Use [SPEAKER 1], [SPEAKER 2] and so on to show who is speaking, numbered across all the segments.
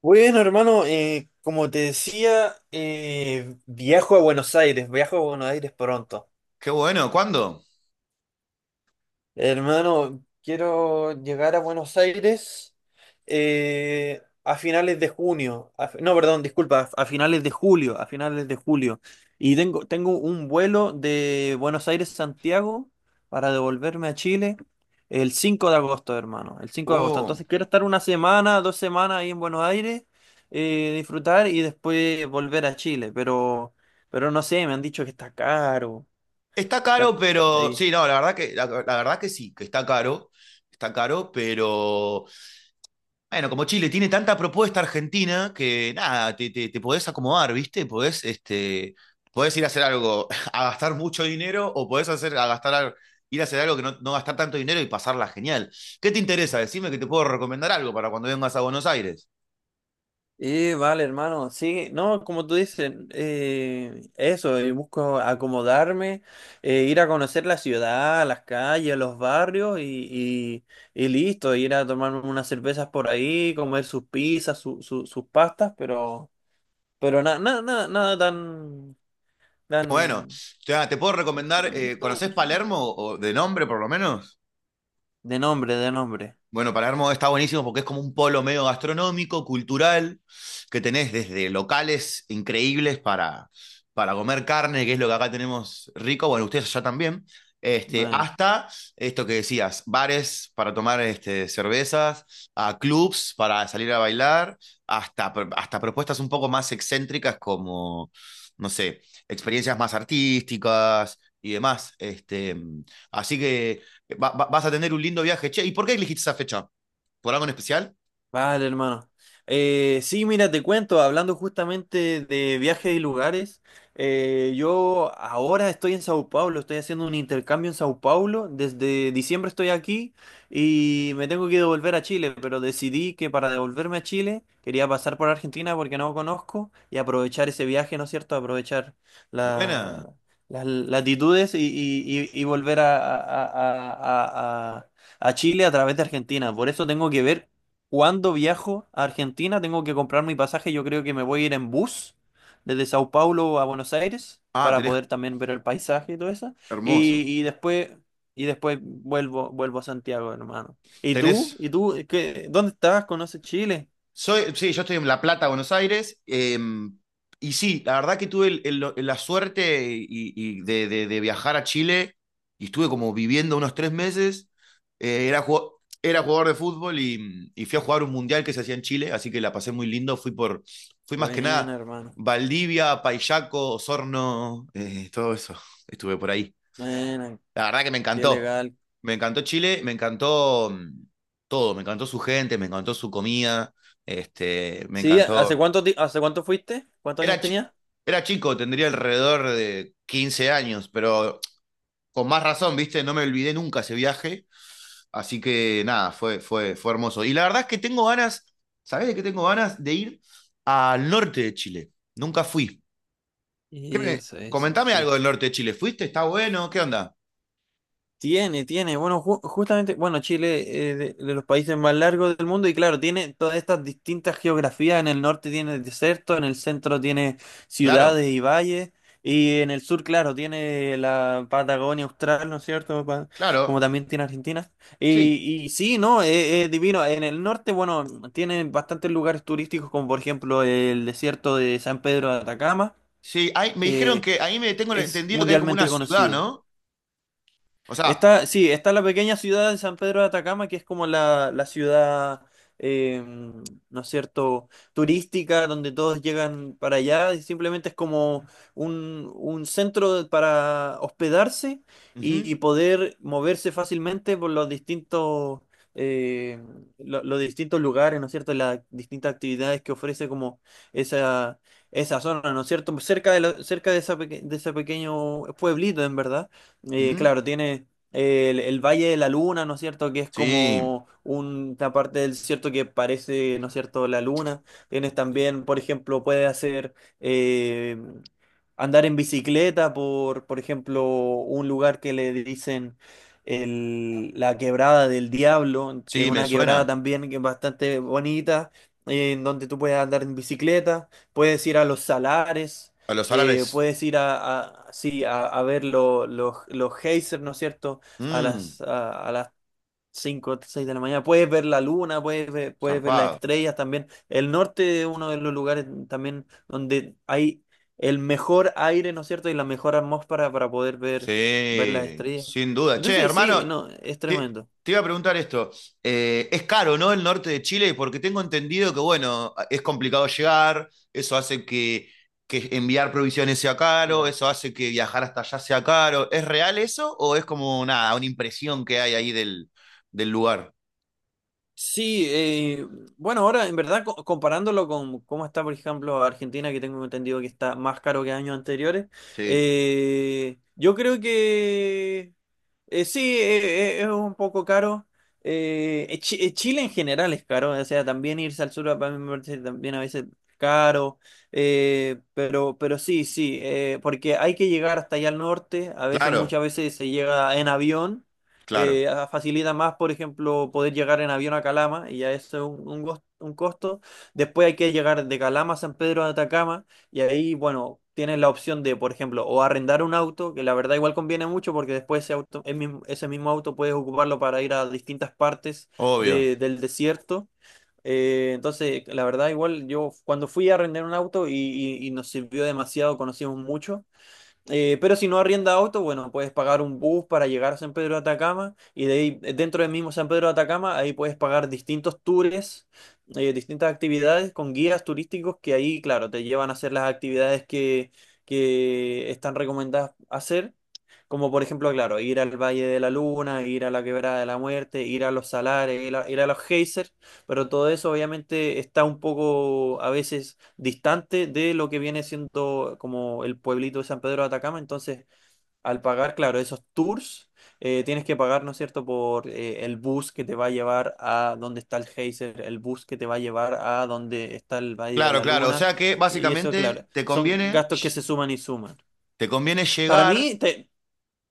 [SPEAKER 1] Bueno, hermano, como te decía, viajo a Buenos Aires, viajo a Buenos Aires pronto.
[SPEAKER 2] Qué bueno, ¿cuándo?
[SPEAKER 1] Hermano, quiero llegar a Buenos Aires a finales de junio. No, perdón, disculpa, a finales de julio, a finales de julio. Y tengo un vuelo de Buenos Aires a Santiago para devolverme a Chile el 5 de agosto, hermano. El 5 de agosto.
[SPEAKER 2] Uh,
[SPEAKER 1] Entonces quiero estar una semana, dos semanas ahí en Buenos Aires, disfrutar y después volver a Chile. Pero no sé, me han dicho que está caro.
[SPEAKER 2] Está
[SPEAKER 1] Está
[SPEAKER 2] caro, pero
[SPEAKER 1] ahí.
[SPEAKER 2] sí, no, la verdad que, la verdad que sí, que está caro, pero bueno, como Chile tiene tanta propuesta argentina que nada, te podés acomodar, ¿viste? Podés, este, podés ir a hacer algo, a gastar mucho dinero o podés hacer, a gastar, ir a hacer algo que no, no gastar tanto dinero y pasarla genial. ¿Qué te interesa? Decime que te puedo recomendar algo para cuando vengas a Buenos Aires.
[SPEAKER 1] Y vale, hermano, sí, no, como tú dices, eso, busco acomodarme, ir a conocer la ciudad, las calles, los barrios y listo, ir a tomarme unas cervezas por ahí, comer sus pizzas, sus pastas, pero nada, nada, nada, nada tan,
[SPEAKER 2] Bueno, o
[SPEAKER 1] tan,
[SPEAKER 2] sea, te puedo recomendar,
[SPEAKER 1] no,
[SPEAKER 2] ¿conocés Palermo o de nombre por lo menos?
[SPEAKER 1] de nombre, de nombre.
[SPEAKER 2] Bueno, Palermo está buenísimo porque es como un polo medio gastronómico, cultural, que tenés desde locales increíbles para comer carne, que es lo que acá tenemos rico, bueno, ustedes allá también, este,
[SPEAKER 1] Bueno.
[SPEAKER 2] hasta esto que decías, bares para tomar este, cervezas, a clubs para salir a bailar, hasta, hasta propuestas un poco más excéntricas como, no sé, experiencias más artísticas y demás. Este, así que vas a tener un lindo viaje. Che, ¿y por qué elegiste esa fecha? ¿Por algo en especial?
[SPEAKER 1] Vale, hermano. Sí, mira, te cuento, hablando justamente de viajes y lugares, yo ahora estoy en Sao Paulo, estoy haciendo un intercambio en Sao Paulo, desde diciembre estoy aquí y me tengo que devolver a Chile, pero decidí que para devolverme a Chile quería pasar por Argentina porque no conozco y aprovechar ese viaje, ¿no es cierto? Aprovechar
[SPEAKER 2] Buena.
[SPEAKER 1] la- las latitudes y volver a- a- a Chile a través de Argentina. Por eso tengo que ver cuando viajo a Argentina tengo que comprar mi pasaje. Yo creo que me voy a ir en bus desde Sao Paulo a Buenos Aires
[SPEAKER 2] Ah,
[SPEAKER 1] para
[SPEAKER 2] tenés
[SPEAKER 1] poder también ver el paisaje y todo eso. Y,
[SPEAKER 2] hermoso.
[SPEAKER 1] y después, y después vuelvo a Santiago, hermano. ¿Y tú?
[SPEAKER 2] Tenés.
[SPEAKER 1] ¿Y tú? ¿Qué- dónde estás? ¿Conoces Chile?
[SPEAKER 2] Soy, sí, yo estoy en La Plata, Buenos Aires. Y sí, la verdad que tuve la suerte y de, de viajar a Chile y estuve como viviendo unos 3 meses. Era, era jugador de fútbol y fui a jugar un mundial que se hacía en Chile, así que la pasé muy lindo. Fui por, fui más que
[SPEAKER 1] Buena,
[SPEAKER 2] nada
[SPEAKER 1] hermano.
[SPEAKER 2] Valdivia, Payaco, Osorno, todo eso. Estuve por ahí.
[SPEAKER 1] Buena,
[SPEAKER 2] La verdad que me
[SPEAKER 1] qué
[SPEAKER 2] encantó.
[SPEAKER 1] legal.
[SPEAKER 2] Me encantó Chile, me encantó todo, me encantó su gente, me encantó su comida, este, me
[SPEAKER 1] Sí,
[SPEAKER 2] encantó.
[SPEAKER 1] ¿hace cuánto, ti- hace cuánto fuiste? ¿Cuántos
[SPEAKER 2] Era,
[SPEAKER 1] años tenías?
[SPEAKER 2] era chico, tendría alrededor de 15 años, pero con más razón, ¿viste? No me olvidé nunca ese viaje, así que nada, fue hermoso. Y la verdad es que tengo ganas, ¿sabés de qué tengo ganas? De ir al norte de Chile. Nunca fui. ¿Qué me-
[SPEAKER 1] Eso,
[SPEAKER 2] Comentame algo
[SPEAKER 1] sí.
[SPEAKER 2] del norte de Chile. ¿Fuiste? ¿Está bueno? ¿Qué onda?
[SPEAKER 1] Tiene, tiene. Bueno, ju- justamente, bueno, Chile de los países más largos del mundo y claro, tiene todas estas distintas geografías. En el norte tiene desierto, en el centro tiene
[SPEAKER 2] Claro,
[SPEAKER 1] ciudades y valles y en el sur, claro, tiene la Patagonia Austral, ¿no es cierto? Pa- como
[SPEAKER 2] claro.
[SPEAKER 1] también tiene Argentina.
[SPEAKER 2] Sí,
[SPEAKER 1] Y sí, ¿no? Es divino. En el norte, bueno, tiene bastantes lugares turísticos como por ejemplo el desierto de San Pedro de Atacama,
[SPEAKER 2] sí, ahí, me dijeron
[SPEAKER 1] que
[SPEAKER 2] que ahí me tengo
[SPEAKER 1] es
[SPEAKER 2] entendido que hay como una
[SPEAKER 1] mundialmente
[SPEAKER 2] ciudad,
[SPEAKER 1] conocido.
[SPEAKER 2] ¿no? O sea,
[SPEAKER 1] Está, sí, está la pequeña ciudad de San Pedro de Atacama, que es como la ciudad, eh, ¿no es cierto?, turística, donde todos llegan para allá, y simplemente es como un centro para hospedarse
[SPEAKER 2] ujú,
[SPEAKER 1] y poder moverse fácilmente por los distintos, eh, los distintos lugares, ¿no es cierto?, las distintas actividades que ofrece como esa, esa zona, ¿no es cierto?, cerca de, cerca de, esa peque- de ese pequeño pueblito, en verdad.
[SPEAKER 2] ujú,
[SPEAKER 1] Claro, tiene... el Valle de la Luna, ¿no es cierto? Que es
[SPEAKER 2] sí,
[SPEAKER 1] como una parte del desierto que parece, ¿no es cierto?, la luna. Tienes también, por ejemplo, puedes hacer eh, andar en bicicleta por ejemplo, un lugar que le dicen la Quebrada del Diablo, que es
[SPEAKER 2] sí, me
[SPEAKER 1] una
[SPEAKER 2] suena.
[SPEAKER 1] quebrada también que es bastante bonita, en donde tú puedes andar en bicicleta, puedes ir a los salares
[SPEAKER 2] A los salares,
[SPEAKER 1] puedes ir a, sí, a ver los geysers, ¿no es cierto? a
[SPEAKER 2] mm,
[SPEAKER 1] las, A las 5 6 de la mañana. Puedes ver la luna, puedes ver las
[SPEAKER 2] zarpado.
[SPEAKER 1] estrellas también. El norte es uno de los lugares también donde hay el mejor aire, ¿no es cierto? Y la mejor atmósfera para poder ver, ver las
[SPEAKER 2] Sí,
[SPEAKER 1] estrellas.
[SPEAKER 2] sin duda. Che,
[SPEAKER 1] Entonces, sí,
[SPEAKER 2] hermano,
[SPEAKER 1] no, es
[SPEAKER 2] te,
[SPEAKER 1] tremendo.
[SPEAKER 2] te iba a preguntar esto. Es caro, ¿no? El norte de Chile, porque tengo entendido que, bueno, es complicado llegar, eso hace que enviar provisiones sea caro, eso hace que viajar hasta allá sea caro. ¿Es real eso o es como nada, una impresión que hay ahí del, del lugar?
[SPEAKER 1] Sí, bueno, ahora en verdad co- comparándolo con cómo está, por ejemplo, Argentina, que tengo entendido que está más caro que años anteriores,
[SPEAKER 2] Sí,
[SPEAKER 1] yo creo que sí, es un poco caro. Chile en general es caro, o sea, también irse al sur para mí me parece también a veces caro, pero sí, sí, porque hay que llegar hasta allá al norte, a veces,
[SPEAKER 2] claro,
[SPEAKER 1] muchas veces se llega en avión
[SPEAKER 2] claro,
[SPEAKER 1] facilita más, por ejemplo, poder llegar en avión a Calama, y ya eso es un, un costo. Después hay que llegar de Calama a San Pedro de Atacama, y ahí, bueno, tienes la opción de, por ejemplo, o arrendar un auto, que la verdad igual conviene mucho porque después ese auto, el mismo- ese mismo auto puedes ocuparlo para ir a distintas partes
[SPEAKER 2] obvio.
[SPEAKER 1] del desierto. Entonces, la verdad, igual yo cuando fui a arrendar un auto y nos sirvió demasiado, conocimos mucho. Pero si no arrienda auto, bueno, puedes pagar un bus para llegar a San Pedro de Atacama y de ahí, dentro del mismo San Pedro de Atacama, ahí puedes pagar distintos tours, distintas actividades con guías turísticos que ahí, claro, te llevan a hacer las actividades que están recomendadas hacer, como por ejemplo, claro, ir al Valle de la Luna, ir a la Quebrada de la Muerte, ir a los salares, ir a, ir a los geysers, pero todo eso obviamente está un poco a veces distante de lo que viene siendo como el pueblito de San Pedro de Atacama. Entonces, al pagar, claro, esos tours, tienes que pagar, ¿no es cierto?, por el bus que te va a llevar a donde está el geyser, el bus que te va a llevar a donde está el Valle de
[SPEAKER 2] Claro,
[SPEAKER 1] la
[SPEAKER 2] claro. O
[SPEAKER 1] Luna.
[SPEAKER 2] sea que
[SPEAKER 1] Y eso,
[SPEAKER 2] básicamente
[SPEAKER 1] claro, son gastos que se suman y suman.
[SPEAKER 2] te conviene
[SPEAKER 1] Para
[SPEAKER 2] llegar.
[SPEAKER 1] mí, te,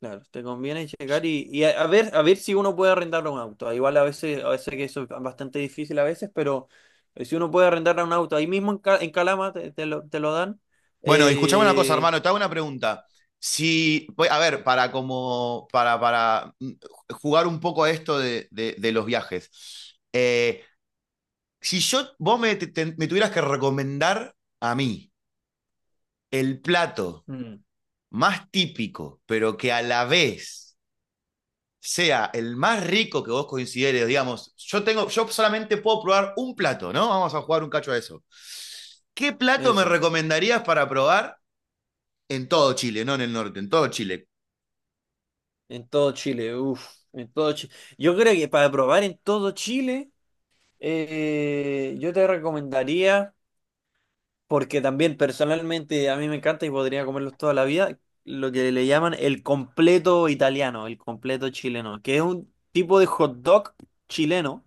[SPEAKER 1] Claro, te conviene checar y a ver si uno puede arrendar un auto. Ah, igual a veces que eso es bastante difícil a veces, pero si uno puede arrendar un auto, ahí mismo en, Ca- en Calama te lo dan.
[SPEAKER 2] Bueno, y escuchame una cosa,
[SPEAKER 1] Eh,
[SPEAKER 2] hermano, te hago una pregunta. Si, pues, a ver, para como, para jugar un poco a esto de, de los viajes. Si yo, vos me, me tuvieras que recomendar a mí el plato
[SPEAKER 1] Mm.
[SPEAKER 2] más típico, pero que a la vez sea el más rico que vos consideres, digamos, yo tengo, yo solamente puedo probar un plato, ¿no? Vamos a jugar un cacho a eso. ¿Qué plato me
[SPEAKER 1] Eso,
[SPEAKER 2] recomendarías para probar en todo Chile, no en el norte, en todo Chile?
[SPEAKER 1] en todo Chile, uff, en todo Chile. Yo creo que para probar en todo Chile, yo te recomendaría. Porque también personalmente a mí me encanta y podría comerlos toda la vida, lo que le llaman el completo italiano, el completo chileno, que es un tipo de hot dog chileno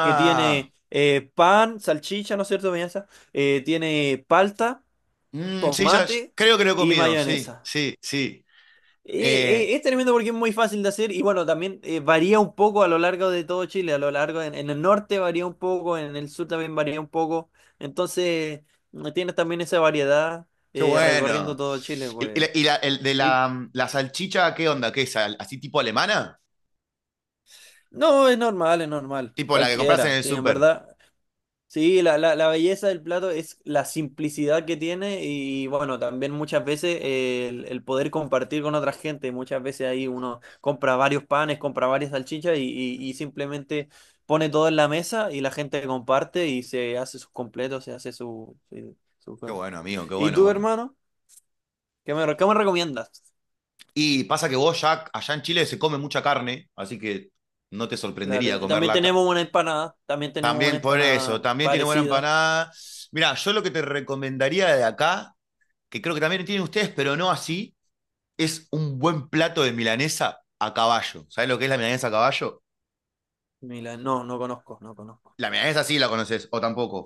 [SPEAKER 1] que tiene pan, salchicha, ¿no es cierto, Beñaza? Tiene palta,
[SPEAKER 2] mm, sí, ya,
[SPEAKER 1] tomate
[SPEAKER 2] creo que lo he
[SPEAKER 1] y
[SPEAKER 2] comido, sí,
[SPEAKER 1] mayonesa.
[SPEAKER 2] sí, sí. Eh,
[SPEAKER 1] Es tremendo porque es muy fácil de hacer y bueno, también varía un poco a lo largo de todo Chile, a lo largo en el norte varía un poco, en el sur también varía un poco, entonces mm, tienes también esa variedad
[SPEAKER 2] qué
[SPEAKER 1] recorriendo
[SPEAKER 2] bueno.
[SPEAKER 1] todo Chile,
[SPEAKER 2] ¿Y,
[SPEAKER 1] pues.
[SPEAKER 2] el de
[SPEAKER 1] Y
[SPEAKER 2] la, mm, la salchicha, qué onda? ¿Qué es? ¿Así tipo alemana?
[SPEAKER 1] no, es normal,
[SPEAKER 2] Tipo la que compras en
[SPEAKER 1] cualquiera,
[SPEAKER 2] el
[SPEAKER 1] sí, en
[SPEAKER 2] súper.
[SPEAKER 1] verdad. Sí, la belleza del plato es la simplicidad que tiene y bueno, también muchas veces el poder compartir con otra gente. Muchas veces ahí uno compra varios panes, compra varias salchichas y simplemente pone todo en la mesa y la gente comparte y se hace sus completos, se hace su, su
[SPEAKER 2] Qué
[SPEAKER 1] cosa.
[SPEAKER 2] bueno, amigo, qué
[SPEAKER 1] ¿Y
[SPEAKER 2] bueno,
[SPEAKER 1] tú,
[SPEAKER 2] bueno.
[SPEAKER 1] hermano? ¿Qué me, re- qué me recomiendas?
[SPEAKER 2] Y pasa que vos ya allá en Chile se come mucha carne, así que no te
[SPEAKER 1] La
[SPEAKER 2] sorprendería
[SPEAKER 1] verdad. También
[SPEAKER 2] comerla.
[SPEAKER 1] tenemos una empanada, también tenemos una
[SPEAKER 2] También por eso,
[SPEAKER 1] empanada
[SPEAKER 2] también tiene buena
[SPEAKER 1] parecida.
[SPEAKER 2] empanada. Mira, yo lo que te recomendaría de acá, que creo que también tienen ustedes, pero no así, es un buen plato de milanesa a caballo. ¿Sabes lo que es la milanesa a caballo?
[SPEAKER 1] Mila- no, no conozco, no conozco.
[SPEAKER 2] La milanesa sí la conoces, o tampoco.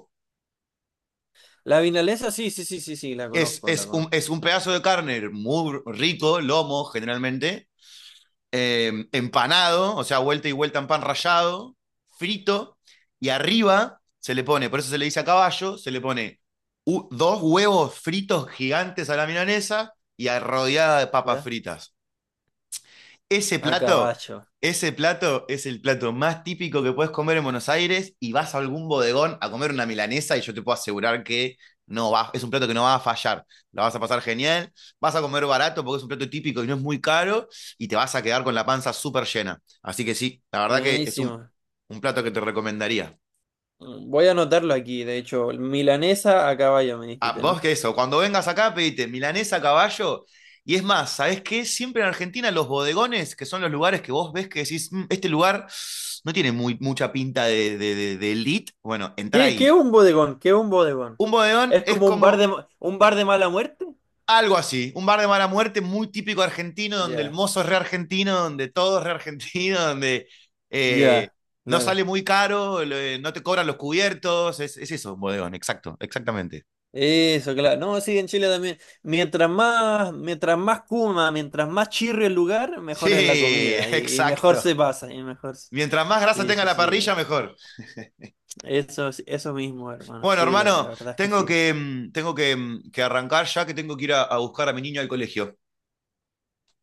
[SPEAKER 1] La vinalesa, sí, sí, sí, sí, sí, la conozco, la conozco.
[SPEAKER 2] Es un pedazo de carne muy rico, lomo generalmente, empanado, o sea, vuelta y vuelta en pan rallado, frito, y arriba se le pone, por eso se le dice a caballo, se le pone dos huevos fritos gigantes a la milanesa y rodeada de papas
[SPEAKER 1] ¿Ya?
[SPEAKER 2] fritas. Ese
[SPEAKER 1] A
[SPEAKER 2] plato,
[SPEAKER 1] caballo.
[SPEAKER 2] ese plato es el plato más típico que puedes comer en Buenos Aires y vas a algún bodegón a comer una milanesa y yo te puedo asegurar que no va, es un plato que no va a fallar. La vas a pasar genial, vas a comer barato porque es un plato típico y no es muy caro y te vas a quedar con la panza súper llena. Así que sí, la verdad que es
[SPEAKER 1] Buenísimo.
[SPEAKER 2] un plato que te recomendaría.
[SPEAKER 1] Voy a anotarlo aquí, de hecho. Milanesa a caballo, me
[SPEAKER 2] Ah,
[SPEAKER 1] dijiste,
[SPEAKER 2] vos
[SPEAKER 1] ¿no?
[SPEAKER 2] que eso, cuando vengas acá pedite milanesa a caballo. Y es más, ¿sabés qué? Siempre en Argentina los bodegones, que son los lugares que vos ves que decís, "Mm, este lugar no tiene muy, mucha pinta de, de elite, bueno, entra
[SPEAKER 1] ¿Qué, qué es
[SPEAKER 2] ahí.
[SPEAKER 1] un bodegón? ¿Qué es un bodegón?
[SPEAKER 2] Un bodegón
[SPEAKER 1] ¿Es
[SPEAKER 2] es
[SPEAKER 1] como un bar de,
[SPEAKER 2] como
[SPEAKER 1] ma- un bar de mala muerte?
[SPEAKER 2] algo así, un bar de mala muerte muy típico argentino, donde el
[SPEAKER 1] Ya.
[SPEAKER 2] mozo es re argentino, donde todo es re argentino, donde eh,
[SPEAKER 1] Ya,
[SPEAKER 2] no
[SPEAKER 1] claro.
[SPEAKER 2] sale muy caro, no te cobran los cubiertos, es eso, un bodegón, exacto, exactamente.
[SPEAKER 1] Eso, claro. No, sí, en Chile también. Mientras más cuma, mientras más chirrio el lugar, mejor
[SPEAKER 2] Sí,
[SPEAKER 1] es la comida. Y mejor se
[SPEAKER 2] exacto.
[SPEAKER 1] pasa, y mejor. Se-
[SPEAKER 2] Mientras más grasa
[SPEAKER 1] Sí,
[SPEAKER 2] tenga
[SPEAKER 1] sí,
[SPEAKER 2] la
[SPEAKER 1] sí.
[SPEAKER 2] parrilla, mejor.
[SPEAKER 1] Eso mismo, hermano.
[SPEAKER 2] Bueno,
[SPEAKER 1] Sí, la la
[SPEAKER 2] hermano,
[SPEAKER 1] verdad es que sí.
[SPEAKER 2] tengo que, que arrancar ya que tengo que ir a buscar a mi niño al colegio.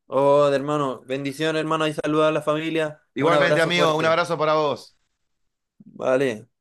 [SPEAKER 1] Oh, hermano, bendición, hermano, y saluda a la familia. Un
[SPEAKER 2] Igualmente,
[SPEAKER 1] abrazo
[SPEAKER 2] amigo, un
[SPEAKER 1] fuerte.
[SPEAKER 2] abrazo para vos.
[SPEAKER 1] Vale.